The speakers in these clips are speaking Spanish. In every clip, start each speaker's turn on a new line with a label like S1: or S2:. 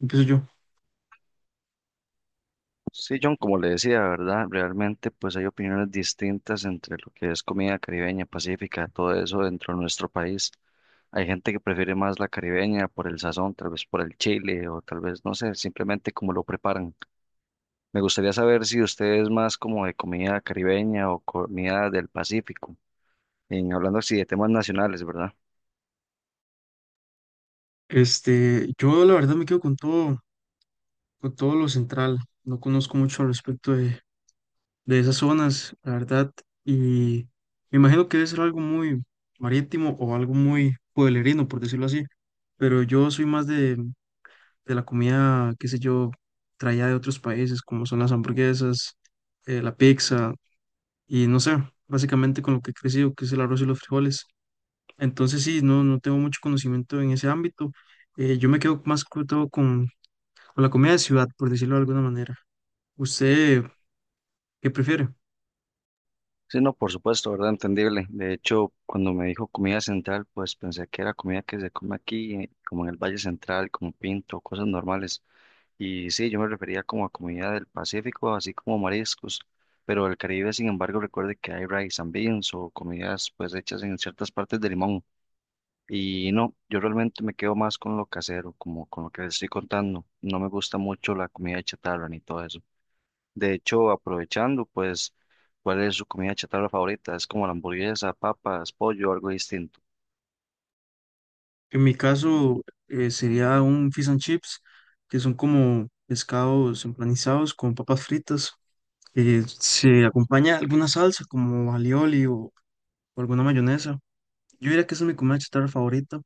S1: Empiezo yo.
S2: Sí, John, como le decía, ¿verdad? Realmente pues hay opiniones distintas entre lo que es comida caribeña, pacífica, todo eso dentro de nuestro país. Hay gente que prefiere más la caribeña por el sazón, tal vez por el chile o tal vez, no sé, simplemente como lo preparan. Me gustaría saber si usted es más como de comida caribeña o comida del Pacífico, en, hablando así de temas nacionales, ¿verdad?
S1: Yo la verdad me quedo con todo lo central. No conozco mucho al respecto de esas zonas, la verdad. Y me imagino que debe ser algo muy marítimo o algo muy pueblerino, por decirlo así. Pero yo soy más de la comida, qué sé yo, traída de otros países, como son las hamburguesas, la pizza, y no sé, básicamente con lo que he crecido, que es el arroz y los frijoles. Entonces sí, no, no tengo mucho conocimiento en ese ámbito. Yo me quedo más que todo con la comida de ciudad, por decirlo de alguna manera. ¿Usted qué prefiere?
S2: Sí, no, por supuesto, ¿verdad? Entendible. De hecho, cuando me dijo comida central, pues pensé que era comida que se come aquí, como en el Valle Central, como pinto, cosas normales. Y sí, yo me refería como a comida del Pacífico, así como mariscos. Pero el Caribe, sin embargo, recuerde que hay rice and beans o comidas pues hechas en ciertas partes de limón. Y no, yo realmente me quedo más con lo casero, como con lo que les estoy contando. No me gusta mucho la comida de chatarra ni todo eso. De hecho, aprovechando, pues, ¿cuál es su comida chatarra favorita? ¿Es como la hamburguesa, papas, pollo, algo distinto?
S1: En mi caso sería un fish and chips, que son como pescados empanizados con papas fritas. Se acompaña alguna salsa como alioli o alguna mayonesa. Yo diría que esa es mi comida chatarra favorita,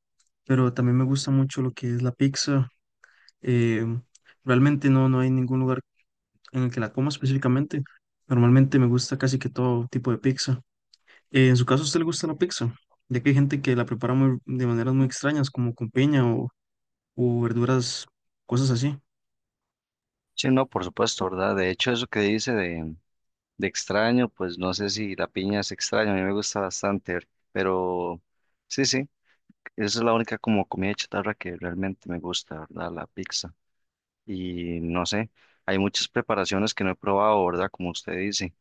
S1: pero también me gusta mucho lo que es la pizza. Eh, Realmente no, no hay ningún lugar en el que la coma específicamente. Normalmente me gusta casi que todo tipo de pizza. En su caso, ¿a usted le gusta la pizza? Ya que hay gente que la prepara de maneras muy extrañas, como con piña o verduras, cosas así.
S2: Sí, no, por supuesto, ¿verdad? De hecho, eso que dice de extraño, pues no sé si la piña es extraña, a mí me gusta bastante, pero sí, sí, esa es la única como comida chatarra que realmente me gusta, ¿verdad? La pizza. Y no sé, hay muchas preparaciones que no he probado, ¿verdad? Como usted dice,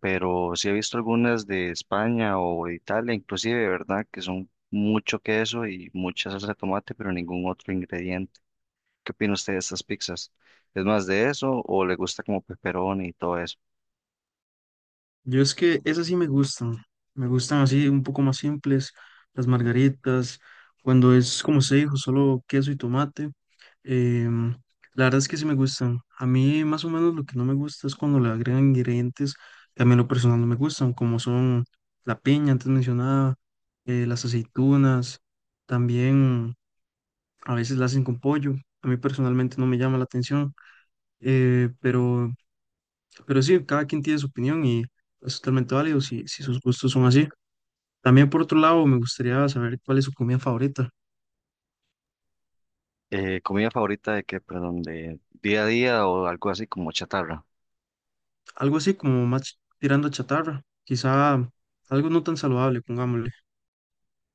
S2: pero sí he visto algunas de España o de Italia, inclusive, ¿verdad? Que son mucho queso y mucha salsa de tomate, pero ningún otro ingrediente. ¿Qué opina usted de estas pizzas? ¿Es más de eso o le gusta como pepperoni y todo eso?
S1: Yo es que esas sí me gustan así un poco más simples, las margaritas, cuando es como se dijo, solo queso y tomate, em, la verdad es que sí me gustan. A mí más o menos lo que no me gusta es cuando le agregan ingredientes que a mí en lo personal no me gustan, como son la piña antes mencionada, las aceitunas, también a veces la hacen con pollo, a mí personalmente no me llama la atención, eh, pero pero sí, cada quien tiene su opinión y es totalmente válido si, si sus gustos son así. También por otro lado, me gustaría saber cuál es su comida favorita.
S2: ¿Comida favorita de qué? Perdón, de día a día o algo así como chatarra.
S1: Algo así como más tirando a chatarra, quizá algo no tan saludable, pongámosle.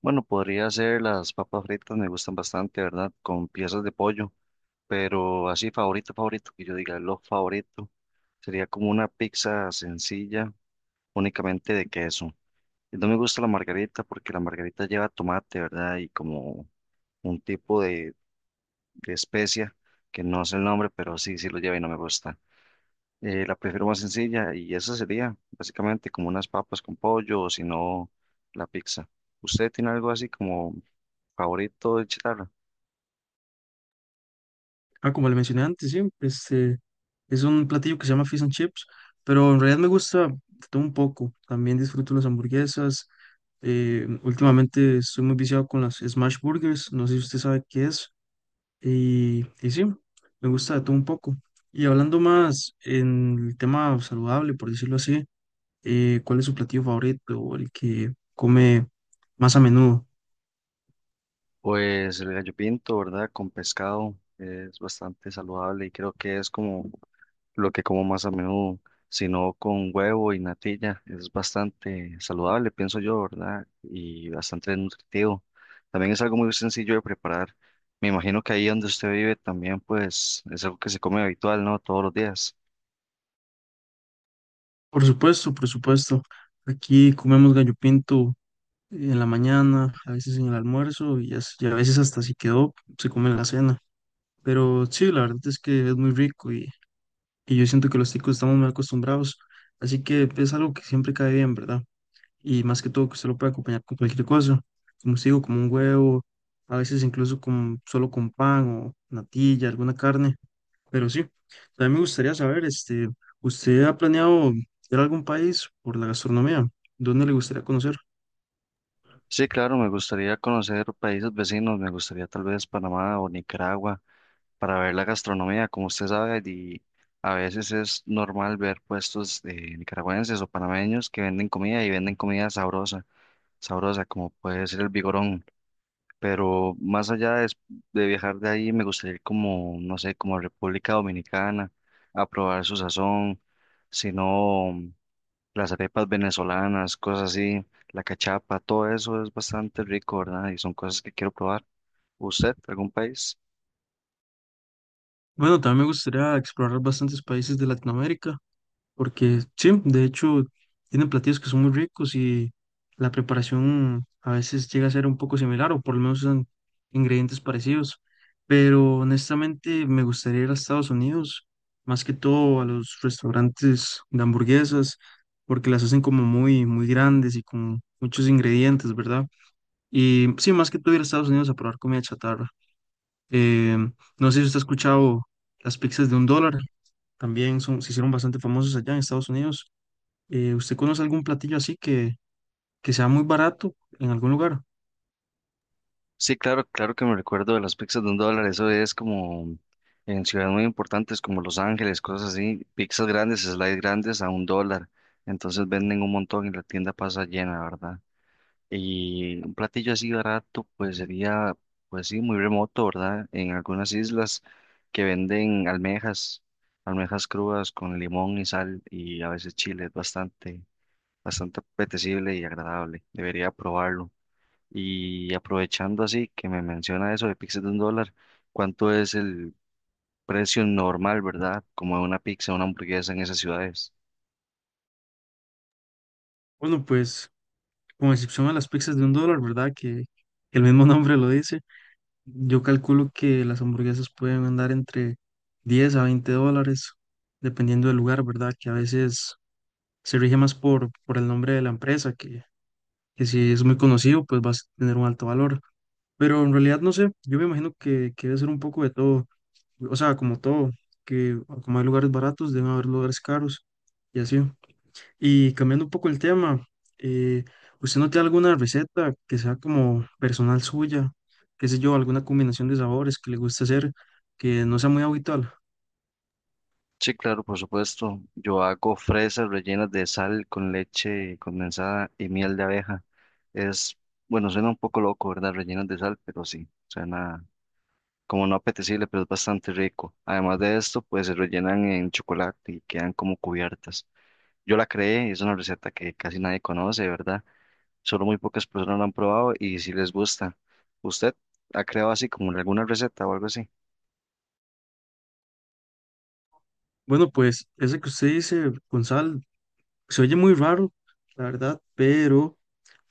S2: Bueno, podría ser las papas fritas, me gustan bastante, ¿verdad? Con piezas de pollo. Pero así favorito, favorito, que yo diga lo favorito, sería como una pizza sencilla, únicamente de queso. Y no me gusta la margarita porque la margarita lleva tomate, ¿verdad? Y como un tipo de especia, que no sé el nombre, pero sí, sí lo lleva y no me gusta. La prefiero más sencilla y esa sería básicamente como unas papas con pollo o si no, la pizza. ¿Usted tiene algo así como favorito de chatarra?
S1: Ah, como le mencioné antes, sí, este es un platillo que se llama fish and chips, pero en realidad me gusta de todo un poco. También disfruto las hamburguesas. Últimamente estoy muy viciado con las smash burgers, no sé si usted sabe qué es. Y sí, me gusta de todo un poco. Y hablando más en el tema saludable, por decirlo así, ¿cuál es su platillo favorito o el que come más a menudo?
S2: Pues el gallo pinto, ¿verdad? Con pescado es bastante saludable y creo que es como lo que como más a menudo, sino con huevo y natilla, es bastante saludable, pienso yo, ¿verdad? Y bastante nutritivo. También es algo muy sencillo de preparar. Me imagino que ahí donde usted vive también, pues es algo que se come habitual, ¿no? Todos los días.
S1: Por supuesto, por supuesto. Aquí comemos gallo pinto en la mañana, a veces en el almuerzo y a veces hasta si quedó, se come en la cena. Pero sí, la verdad es que es muy rico y yo siento que los ticos estamos muy acostumbrados. Así que es algo que siempre cae bien, ¿verdad? Y más que todo que usted lo puede acompañar con cualquier cosa, como os digo, como un huevo, a veces incluso con, solo con pan o natilla, alguna carne, pero sí, también me gustaría saber, ¿usted ha planeado ir a algún país por la gastronomía? ¿Dónde le gustaría conocer?
S2: Sí, claro, me gustaría conocer países vecinos, me gustaría tal vez Panamá o Nicaragua. Para ver la gastronomía. Como usted sabe, y a veces es normal ver puestos de nicaragüenses o panameños que venden comida y venden comida sabrosa, sabrosa, como puede ser el vigorón. Pero más allá de viajar de ahí, me gustaría ir como, no sé, como a República Dominicana, a probar su sazón, sino las arepas venezolanas, cosas así, la cachapa, todo eso es bastante rico, ¿verdad? Y son cosas que quiero probar. ¿Usted, algún país?
S1: Bueno, también me gustaría explorar bastantes países de Latinoamérica. Porque sí, de hecho, tienen platillos que son muy ricos y la preparación a veces llega a ser un poco similar o por lo menos usan ingredientes parecidos. Pero honestamente me gustaría ir a Estados Unidos, más que todo a los restaurantes de hamburguesas, porque las hacen como muy, muy grandes y con muchos ingredientes, ¿verdad? Y sí, más que todo ir a Estados Unidos a probar comida chatarra. Em, no sé si usted ha escuchado las pizzas de un dólar, también son, se hicieron bastante famosas allá en Estados Unidos. ¿Usted conoce algún platillo así que sea muy barato en algún lugar?
S2: Sí, claro, claro que me recuerdo de las pizzas de $1, eso es como en ciudades muy importantes como Los Ángeles, cosas así, pizzas grandes, slides grandes a $1, entonces venden un montón y la tienda pasa llena, ¿verdad? Y un platillo así barato, pues sería, pues sí, muy remoto, ¿verdad? En algunas islas que venden almejas, almejas crudas con limón y sal y a veces chile, es bastante, bastante apetecible y agradable, debería probarlo. Y aprovechando así que me menciona eso de pizzas de $1, ¿cuánto es el precio normal, verdad? Como de una pizza, una hamburguesa en esas ciudades.
S1: Bueno, pues con excepción a las pizzas de un dólar, ¿verdad? Que el mismo nombre lo dice. Yo calculo que las hamburguesas pueden andar entre $10 a $20, dependiendo del lugar, ¿verdad? Que a veces se rige más por el nombre de la empresa, que si es muy conocido, pues va a tener un alto valor. Pero en realidad no sé, yo me imagino que debe ser un poco de todo. O sea, como todo, que como hay lugares baratos, deben haber lugares caros y así. Y cambiando un poco el tema, eh, ¿usted no tiene alguna receta que sea como personal suya? ¿Qué sé yo? ¿Alguna combinación de sabores que le guste hacer que no sea muy habitual?
S2: Sí, claro, por supuesto. Yo hago fresas rellenas de sal con leche condensada y miel de abeja. Es, bueno, suena un poco loco, ¿verdad? Rellenas de sal, pero sí, suena como no apetecible, pero es bastante rico. Además de esto, pues se rellenan en chocolate y quedan como cubiertas. Yo la creé, es una receta que casi nadie conoce, ¿verdad? Solo muy pocas personas lo han probado y si les gusta. ¿Usted ha creado así como alguna receta o algo así?
S1: Bueno, pues ese que usted dice con sal se oye muy raro, la verdad, pero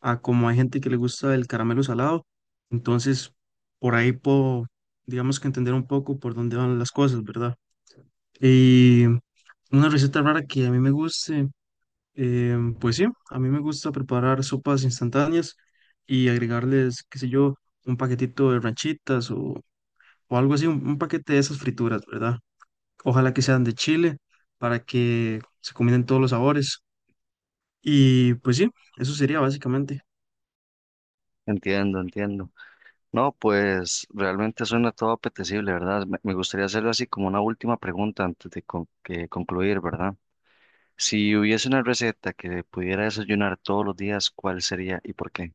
S1: a como hay gente que le gusta el caramelo salado, entonces por ahí puedo, digamos que entender un poco por dónde van las cosas, ¿verdad? Y una receta rara que a mí me guste. Pues sí, a mí me gusta preparar sopas instantáneas y agregarles, qué sé yo, un paquetito de ranchitas o algo así, un paquete de esas frituras, ¿verdad? Ojalá que sean de Chile para que se combinen todos los sabores. Y pues sí, eso sería básicamente.
S2: Entiendo, entiendo. No, pues realmente suena todo apetecible, ¿verdad? Me gustaría hacerlo así como una última pregunta antes de que concluir, ¿verdad? Si hubiese una receta que pudiera desayunar todos los días, ¿cuál sería y por qué?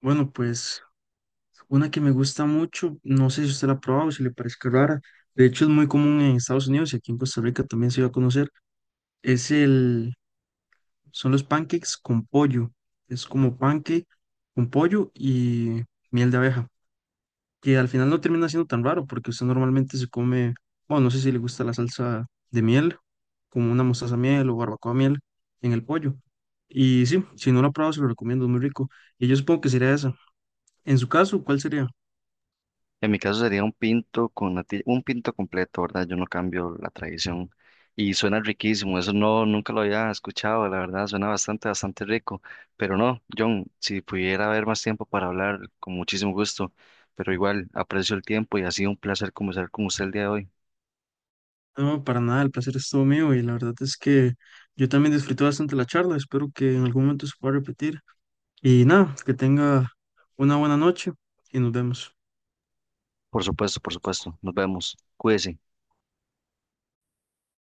S1: Bueno, pues una que me gusta mucho, no sé si usted la ha probado, si le parece rara, de hecho es muy común en Estados Unidos y aquí en Costa Rica también se va a conocer, es Son los pancakes con pollo. Es como pancake con pollo y miel de abeja. Que al final no termina siendo tan raro porque usted normalmente se come, bueno, no sé si le gusta la salsa de miel, como una mostaza miel o barbacoa miel en el pollo. Y sí, si no lo ha probado, se lo recomiendo, es muy rico. Y yo supongo que sería esa. En su caso, ¿cuál sería?
S2: En mi caso sería un pinto completo, ¿verdad? Yo no cambio la tradición. Y suena riquísimo, eso no, nunca lo había escuchado, la verdad, suena bastante, bastante rico. Pero no, John, si pudiera haber más tiempo para hablar, con muchísimo gusto. Pero igual, aprecio el tiempo y ha sido un placer conversar con usted el día de hoy.
S1: No, para nada, el placer es todo mío y la verdad es que yo también disfruté bastante la charla. Espero que en algún momento se pueda repetir. Y nada, que tenga una buena noche y nos vemos.
S2: Por supuesto, por supuesto. Nos vemos. Cuídese.